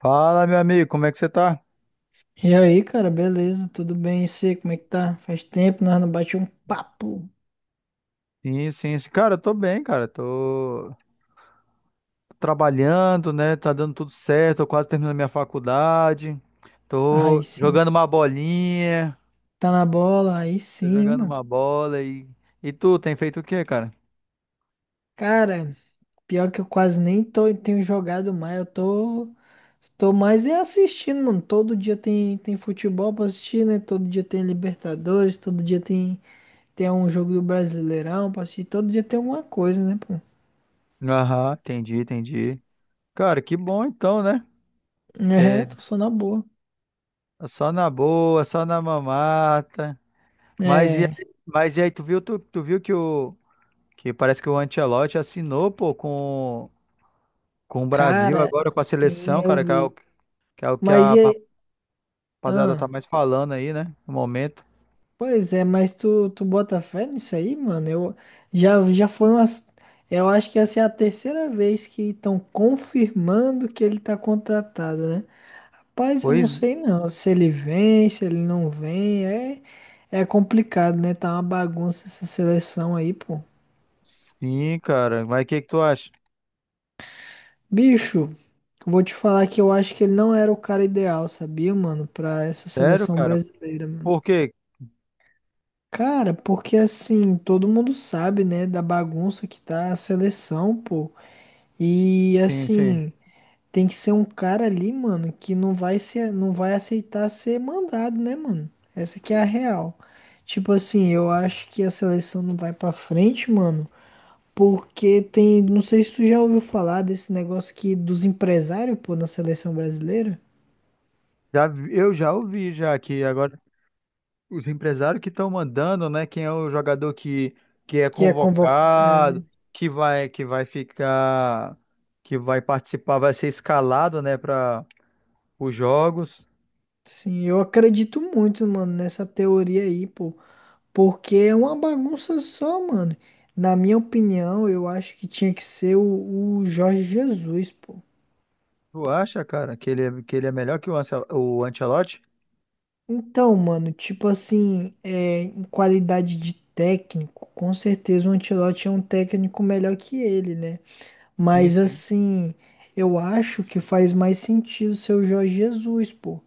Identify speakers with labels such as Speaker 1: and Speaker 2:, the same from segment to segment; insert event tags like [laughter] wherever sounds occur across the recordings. Speaker 1: Fala, meu amigo, como é que você tá?
Speaker 2: E aí, cara, beleza? Tudo bem? E você, como é que tá? Faz tempo, nós não bate um papo.
Speaker 1: Sim, sim, sim. Cara, eu tô bem, cara. Tô trabalhando, né? Tá dando tudo certo. Tô quase terminando minha faculdade.
Speaker 2: Aí
Speaker 1: Tô
Speaker 2: sim.
Speaker 1: jogando uma bolinha.
Speaker 2: Tá na bola? Aí
Speaker 1: Tô
Speaker 2: sim,
Speaker 1: jogando
Speaker 2: mano.
Speaker 1: uma bola e. E tu, tem feito o quê, cara?
Speaker 2: Cara, pior que eu quase nem tô, tenho jogado mais. Eu tô mais é assistindo, mano. Todo dia tem futebol pra assistir, né? Todo dia tem Libertadores, todo dia tem um jogo do Brasileirão pra assistir. Todo dia tem alguma coisa, né, pô?
Speaker 1: Aham, entendi, entendi. Cara, que bom então, né?
Speaker 2: É,
Speaker 1: Que
Speaker 2: tô só na boa.
Speaker 1: é só na boa, só na mamata.
Speaker 2: É,
Speaker 1: Mas e aí, tu viu, tu viu que o. Que parece que o Ancelotti assinou, pô, com. Com o Brasil
Speaker 2: cara,
Speaker 1: agora, com a
Speaker 2: sim,
Speaker 1: seleção,
Speaker 2: eu
Speaker 1: cara, que é o
Speaker 2: vi.
Speaker 1: que, é o que
Speaker 2: Mas
Speaker 1: a
Speaker 2: e aí?
Speaker 1: rapaziada tá
Speaker 2: Ahn?
Speaker 1: mais falando aí, né? No momento.
Speaker 2: Pois é, mas tu bota fé nisso aí, mano? Eu já foi umas. Eu acho que essa é a terceira vez que estão confirmando que ele tá contratado, né? Rapaz, eu não
Speaker 1: Pois
Speaker 2: sei não. Se ele vem, se ele não vem, é complicado, né? Tá uma bagunça essa seleção aí, pô.
Speaker 1: sim, cara. Mas o que que tu acha?
Speaker 2: Bicho, vou te falar que eu acho que ele não era o cara ideal, sabia, mano? Pra essa
Speaker 1: Sério,
Speaker 2: seleção
Speaker 1: cara?
Speaker 2: brasileira, mano.
Speaker 1: Por quê?
Speaker 2: Cara, porque assim, todo mundo sabe, né, da bagunça que tá a seleção, pô. E
Speaker 1: Sim, sim.
Speaker 2: assim, tem que ser um cara ali, mano, que não vai ser, não vai aceitar ser mandado, né, mano? Essa que é a real. Tipo assim, eu acho que a seleção não vai pra frente, mano, porque tem, não sei se tu já ouviu falar desse negócio aqui dos empresários, pô, na seleção brasileira,
Speaker 1: Já, eu já ouvi já que agora os empresários que estão mandando, né? Quem é o jogador que é
Speaker 2: que é convoc...
Speaker 1: convocado, que vai ficar, que vai participar, vai ser escalado, né, para os jogos.
Speaker 2: sim, eu acredito muito, mano, nessa teoria aí, pô. Porque é uma bagunça só, mano. Na minha opinião, eu acho que tinha que ser o Jorge Jesus, pô.
Speaker 1: Tu acha, cara, que ele, que ele é melhor que o, o Ancelotti?
Speaker 2: Então, mano, tipo assim, em qualidade de técnico, com certeza o Ancelotti é um técnico melhor que ele, né?
Speaker 1: Sim,
Speaker 2: Mas
Speaker 1: sim.
Speaker 2: assim, eu acho que faz mais sentido ser o Jorge Jesus, pô.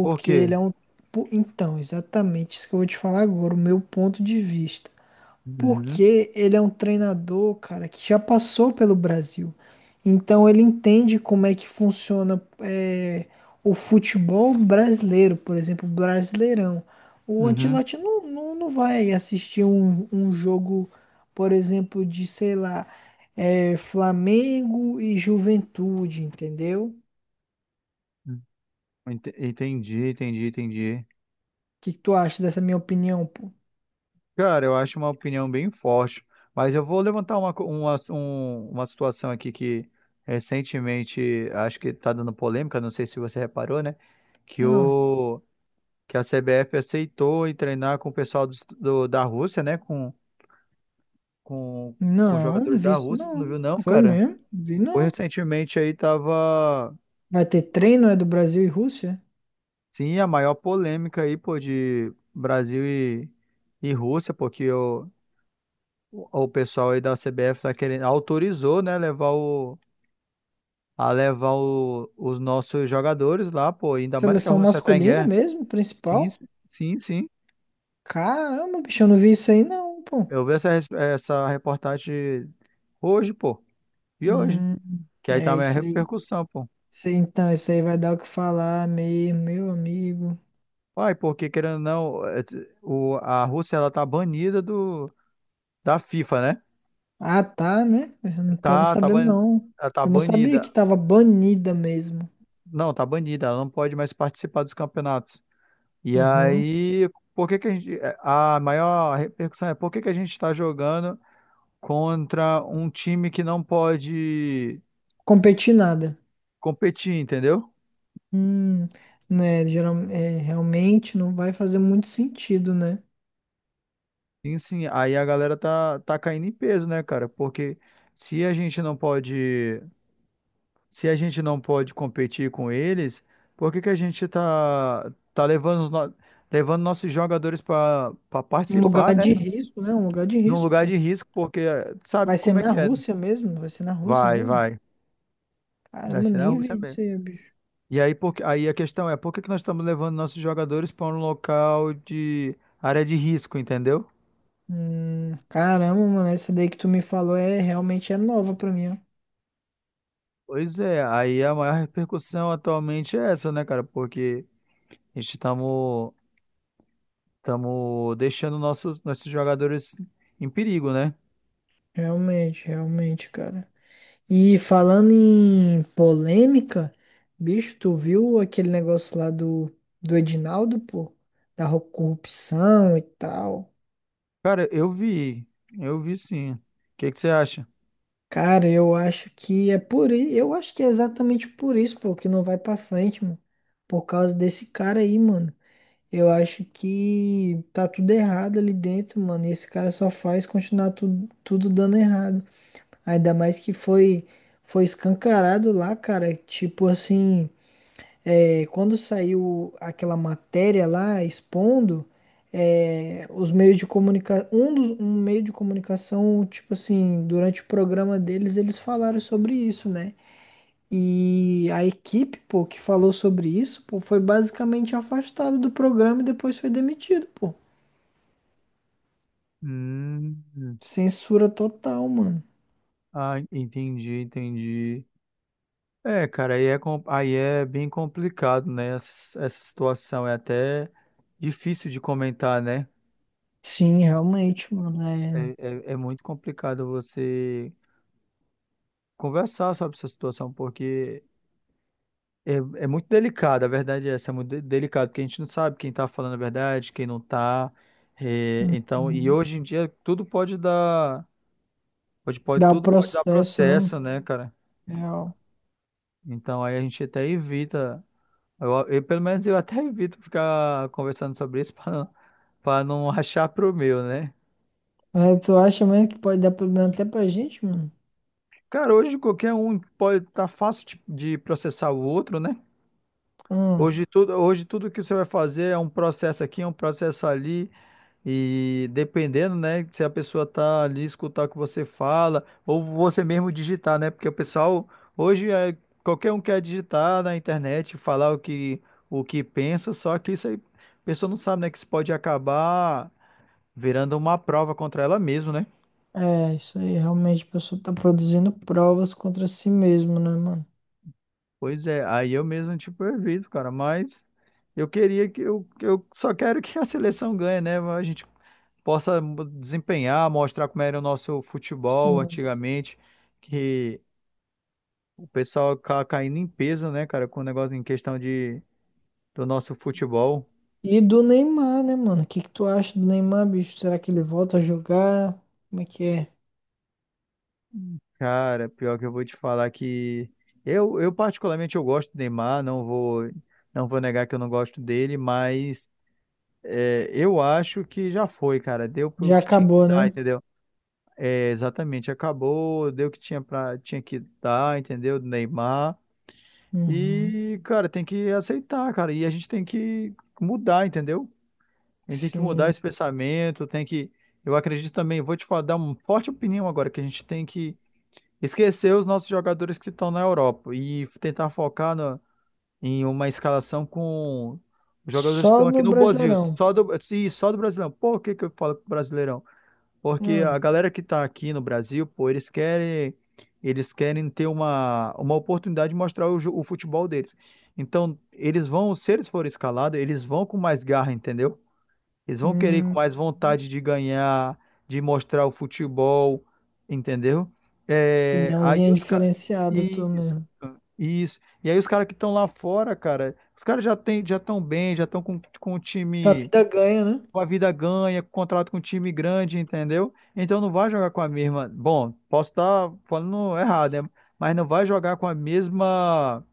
Speaker 1: Por
Speaker 2: ele
Speaker 1: quê?
Speaker 2: é um. Pô, então, exatamente isso que eu vou te falar agora, o meu ponto de vista.
Speaker 1: Uhum,
Speaker 2: Porque ele é um treinador, cara, que já passou pelo Brasil. Então ele entende como é que funciona o futebol brasileiro, por exemplo, o Brasileirão. O
Speaker 1: uhum.
Speaker 2: Ancelotti não vai assistir um jogo, por exemplo, de, sei lá, Flamengo e Juventude, entendeu? O
Speaker 1: Hum, Entendi, entendi, entendi.
Speaker 2: que tu acha dessa minha opinião, pô?
Speaker 1: Cara, eu acho uma opinião bem forte, mas eu vou levantar uma, uma, uma situação aqui que recentemente acho que está dando polêmica, não sei se você reparou, né? Que,
Speaker 2: Ah,
Speaker 1: o, que a CBF aceitou em treinar com o pessoal do, da Rússia, né? Com, com
Speaker 2: não
Speaker 1: jogadores
Speaker 2: vi
Speaker 1: da
Speaker 2: isso,
Speaker 1: Rússia, tu
Speaker 2: não.
Speaker 1: não viu não,
Speaker 2: Foi
Speaker 1: cara?
Speaker 2: mesmo? Vi
Speaker 1: Foi
Speaker 2: não.
Speaker 1: recentemente aí tava.
Speaker 2: Vai ter treino, é do Brasil e Rússia?
Speaker 1: Sim, a maior polêmica aí, pô, de Brasil e Rússia, porque o, o pessoal aí da CBF tá querendo, autorizou, né, levar o, a levar os nossos jogadores lá, pô, ainda mais que a
Speaker 2: Seleção
Speaker 1: Rússia tá em
Speaker 2: masculina
Speaker 1: guerra.
Speaker 2: mesmo,
Speaker 1: Sim,
Speaker 2: principal?
Speaker 1: sim, sim.
Speaker 2: Caramba, bicho, eu não vi isso aí não, pô.
Speaker 1: Eu vi essa, essa reportagem hoje, pô, e hoje,
Speaker 2: Hum,
Speaker 1: que aí tá
Speaker 2: é
Speaker 1: a
Speaker 2: isso aí.
Speaker 1: repercussão, pô.
Speaker 2: Isso aí, então, isso aí vai dar o que falar mesmo, meu amigo.
Speaker 1: Uai, porque querendo ou não, é, o, a Rússia, ela tá banida do, da FIFA, né?
Speaker 2: Ah, tá, né? Eu não tava
Speaker 1: Tá, tá,
Speaker 2: sabendo, não.
Speaker 1: ela tá
Speaker 2: Eu não sabia
Speaker 1: banida.
Speaker 2: que tava banida mesmo.
Speaker 1: Não, tá banida, ela não pode mais participar dos campeonatos. E
Speaker 2: Aham.
Speaker 1: aí, por que que a gente, é, a maior repercussão é por que que a gente está jogando contra um time que não pode
Speaker 2: Competir nada.
Speaker 1: competir, entendeu?
Speaker 2: Hum, né, geral, realmente não vai fazer muito sentido, né?
Speaker 1: Sim, sim, aí a galera tá, tá caindo em peso, né, cara? Porque se a gente não pode, se a gente não pode competir com eles, por que que a gente tá, tá levando os levando nossos jogadores para
Speaker 2: Um
Speaker 1: participar,
Speaker 2: lugar
Speaker 1: né?
Speaker 2: de risco, né? Um lugar de
Speaker 1: Num
Speaker 2: risco,
Speaker 1: lugar
Speaker 2: pô.
Speaker 1: de risco, porque
Speaker 2: Vai
Speaker 1: sabe
Speaker 2: ser
Speaker 1: como é
Speaker 2: na
Speaker 1: que é,
Speaker 2: Rússia mesmo? Vai ser na Rússia
Speaker 1: vai,
Speaker 2: mesmo?
Speaker 1: vai. Vai
Speaker 2: Caramba, eu
Speaker 1: ser na
Speaker 2: nem
Speaker 1: Rússia
Speaker 2: vi
Speaker 1: mesmo.
Speaker 2: isso aí, bicho.
Speaker 1: E aí, por, aí a questão é, por que que nós estamos levando nossos jogadores para um local de área de risco, entendeu?
Speaker 2: Caramba, mano, essa daí que tu me falou realmente é nova pra mim, ó.
Speaker 1: Pois é, aí a maior repercussão atualmente é essa, né, cara? Porque a gente estamos deixando nossos, nossos jogadores em perigo, né?
Speaker 2: Realmente, realmente, cara. E falando em polêmica, bicho, tu viu aquele negócio lá do, do Edinaldo, pô? Da ro- corrupção e tal.
Speaker 1: Cara, eu vi sim. O que que você acha?
Speaker 2: Cara, eu acho que é por isso, eu acho que é exatamente por isso, pô, que não vai pra frente, mano. Por causa desse cara aí, mano. Eu acho que tá tudo errado ali dentro, mano. E esse cara só faz continuar tudo dando errado. Ainda mais que foi escancarado lá, cara. Tipo assim, quando saiu aquela matéria lá expondo, os meios de comunicação, um meio de comunicação, tipo assim, durante o programa deles, eles falaram sobre isso, né? E a equipe, pô, que falou sobre isso, pô, foi basicamente afastada do programa e depois foi demitido, pô.
Speaker 1: Hum,
Speaker 2: Censura total, mano.
Speaker 1: ah, entendi, entendi. É, cara, aí é, aí é bem complicado, né? Essa situação é até difícil de comentar, né?
Speaker 2: Sim, realmente, mano.
Speaker 1: É,
Speaker 2: É...
Speaker 1: é, é muito complicado você conversar sobre essa situação, porque é, é muito delicado, a verdade é essa, é muito delicado, porque a gente não sabe quem tá falando a verdade, quem não tá. É, então, e hoje em dia tudo pode dar, pode, pode,
Speaker 2: Dá o
Speaker 1: tudo pode dar
Speaker 2: processo, né?
Speaker 1: processo, né, cara?
Speaker 2: Real.
Speaker 1: Então aí a gente até evita. Pelo menos eu até evito ficar conversando sobre isso [laughs] pra não [laughs] achar pro meu, né?
Speaker 2: É, tu acha mesmo que pode dar problema até pra gente, mano?
Speaker 1: Cara, hoje qualquer um pode estar fácil de processar o outro, né?
Speaker 2: Hum,
Speaker 1: Hoje tudo que você vai fazer é um processo aqui, é um processo ali, e dependendo, né, se a pessoa tá ali escutar o que você fala, ou você mesmo digitar, né? Porque o pessoal hoje é, qualquer um quer digitar na internet, falar o que pensa, só que isso aí a pessoa não sabe, né, que isso pode acabar virando uma prova contra ela mesma, né?
Speaker 2: isso aí, realmente, a pessoa tá produzindo provas contra si mesmo, né, mano?
Speaker 1: Pois é, aí eu mesmo, tipo, evito, cara, mas eu queria que eu só quero [laughs] que a seleção ganhe, né? A gente possa desempenhar, mostrar como era o nosso futebol
Speaker 2: Sim.
Speaker 1: antigamente, que o pessoal caindo em peso, né, cara, com o negócio em questão de, do nosso futebol.
Speaker 2: E do Neymar, né, mano? O que que tu acha do Neymar, bicho? Será que ele volta a jogar? Como é que é?
Speaker 1: Cara, pior que eu vou te falar que eu particularmente eu gosto do Neymar, não vou negar que eu não gosto dele, mas é, eu acho que já foi, cara, deu pro
Speaker 2: Já
Speaker 1: que tinha que
Speaker 2: acabou,
Speaker 1: dar,
Speaker 2: né?
Speaker 1: entendeu? É, exatamente, acabou, deu o que tinha pra, tinha que dar, entendeu? Do Neymar.
Speaker 2: Uhum,
Speaker 1: E, cara, tem que aceitar, cara. E a gente tem que mudar, entendeu? A gente tem que mudar
Speaker 2: sim.
Speaker 1: esse pensamento, tem que. Eu acredito também, vou te falar, dar uma forte opinião agora, que a gente tem que esquecer os nossos jogadores que estão na Europa e tentar focar em uma escalação com os jogadores que estão
Speaker 2: Só
Speaker 1: aqui
Speaker 2: no
Speaker 1: no Brasil,
Speaker 2: Brasileirão.
Speaker 1: só do, sim, só do Brasileirão. Por que que eu falo Brasileirão? Porque a
Speaker 2: Ah,
Speaker 1: galera que tá aqui no Brasil, pô, eles querem ter uma oportunidade de mostrar o, o futebol deles. Então, eles vão, se eles forem escalados, eles vão com mais garra, entendeu? Eles vão querer ir com
Speaker 2: hum,
Speaker 1: mais vontade de ganhar, de mostrar o futebol, entendeu? É, aí
Speaker 2: opiniãozinha
Speaker 1: os caras.
Speaker 2: diferenciada tu
Speaker 1: Isso,
Speaker 2: mesmo.
Speaker 1: isso. E aí os caras que estão lá fora, cara, os caras já têm, já estão bem, já estão com o
Speaker 2: Que a
Speaker 1: time
Speaker 2: vida ganha, né?
Speaker 1: com a vida ganha, com contrato com um time grande, entendeu? Então não vai jogar com a mesma. Bom, posso estar falando errado, né? Mas não vai jogar com a mesma.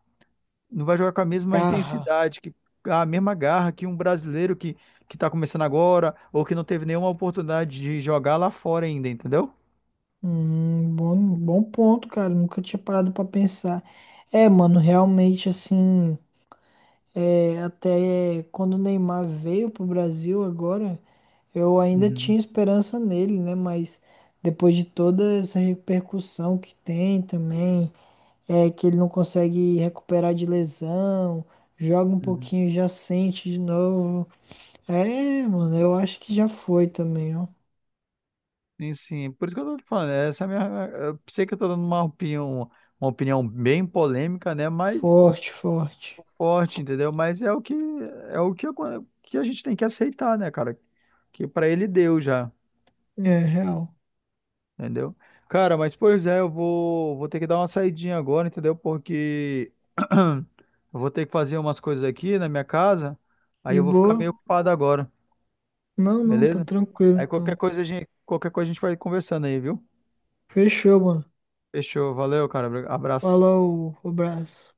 Speaker 1: Não vai jogar com a mesma
Speaker 2: Garra.
Speaker 1: intensidade, que a mesma garra que um brasileiro que está começando agora ou que não teve nenhuma oportunidade de jogar lá fora ainda, entendeu?
Speaker 2: Bom, bom ponto, cara. Nunca tinha parado pra pensar. É, mano, realmente assim, até quando o Neymar veio pro Brasil agora, eu ainda
Speaker 1: Uhum,
Speaker 2: tinha esperança nele, né? Mas depois de toda essa repercussão que tem também. Que ele não consegue recuperar de lesão, joga um
Speaker 1: uhum.
Speaker 2: pouquinho e já sente de novo. É, mano, eu acho que já foi também, ó.
Speaker 1: Sim, sim. Por isso que eu tô te falando, essa é a minha. Eu sei que eu tô dando uma opinião bem polêmica, né? Mas
Speaker 2: Forte, forte.
Speaker 1: forte, entendeu? Mas é o que que a gente tem que aceitar, né, cara? Que pra ele deu já,
Speaker 2: É, real.
Speaker 1: entendeu? Cara, mas pois é, eu vou vou ter que dar uma saidinha agora, entendeu? Porque [clears throat] eu vou ter que fazer umas coisas aqui na minha casa, aí
Speaker 2: De
Speaker 1: eu vou ficar
Speaker 2: boa?
Speaker 1: meio ocupado agora,
Speaker 2: Não, não, tá
Speaker 1: beleza?
Speaker 2: tranquilo
Speaker 1: Aí qualquer
Speaker 2: então.
Speaker 1: coisa a gente vai conversando aí, viu?
Speaker 2: Fechou, mano.
Speaker 1: Fechou, valeu, cara. Abraço.
Speaker 2: Falou, abraço.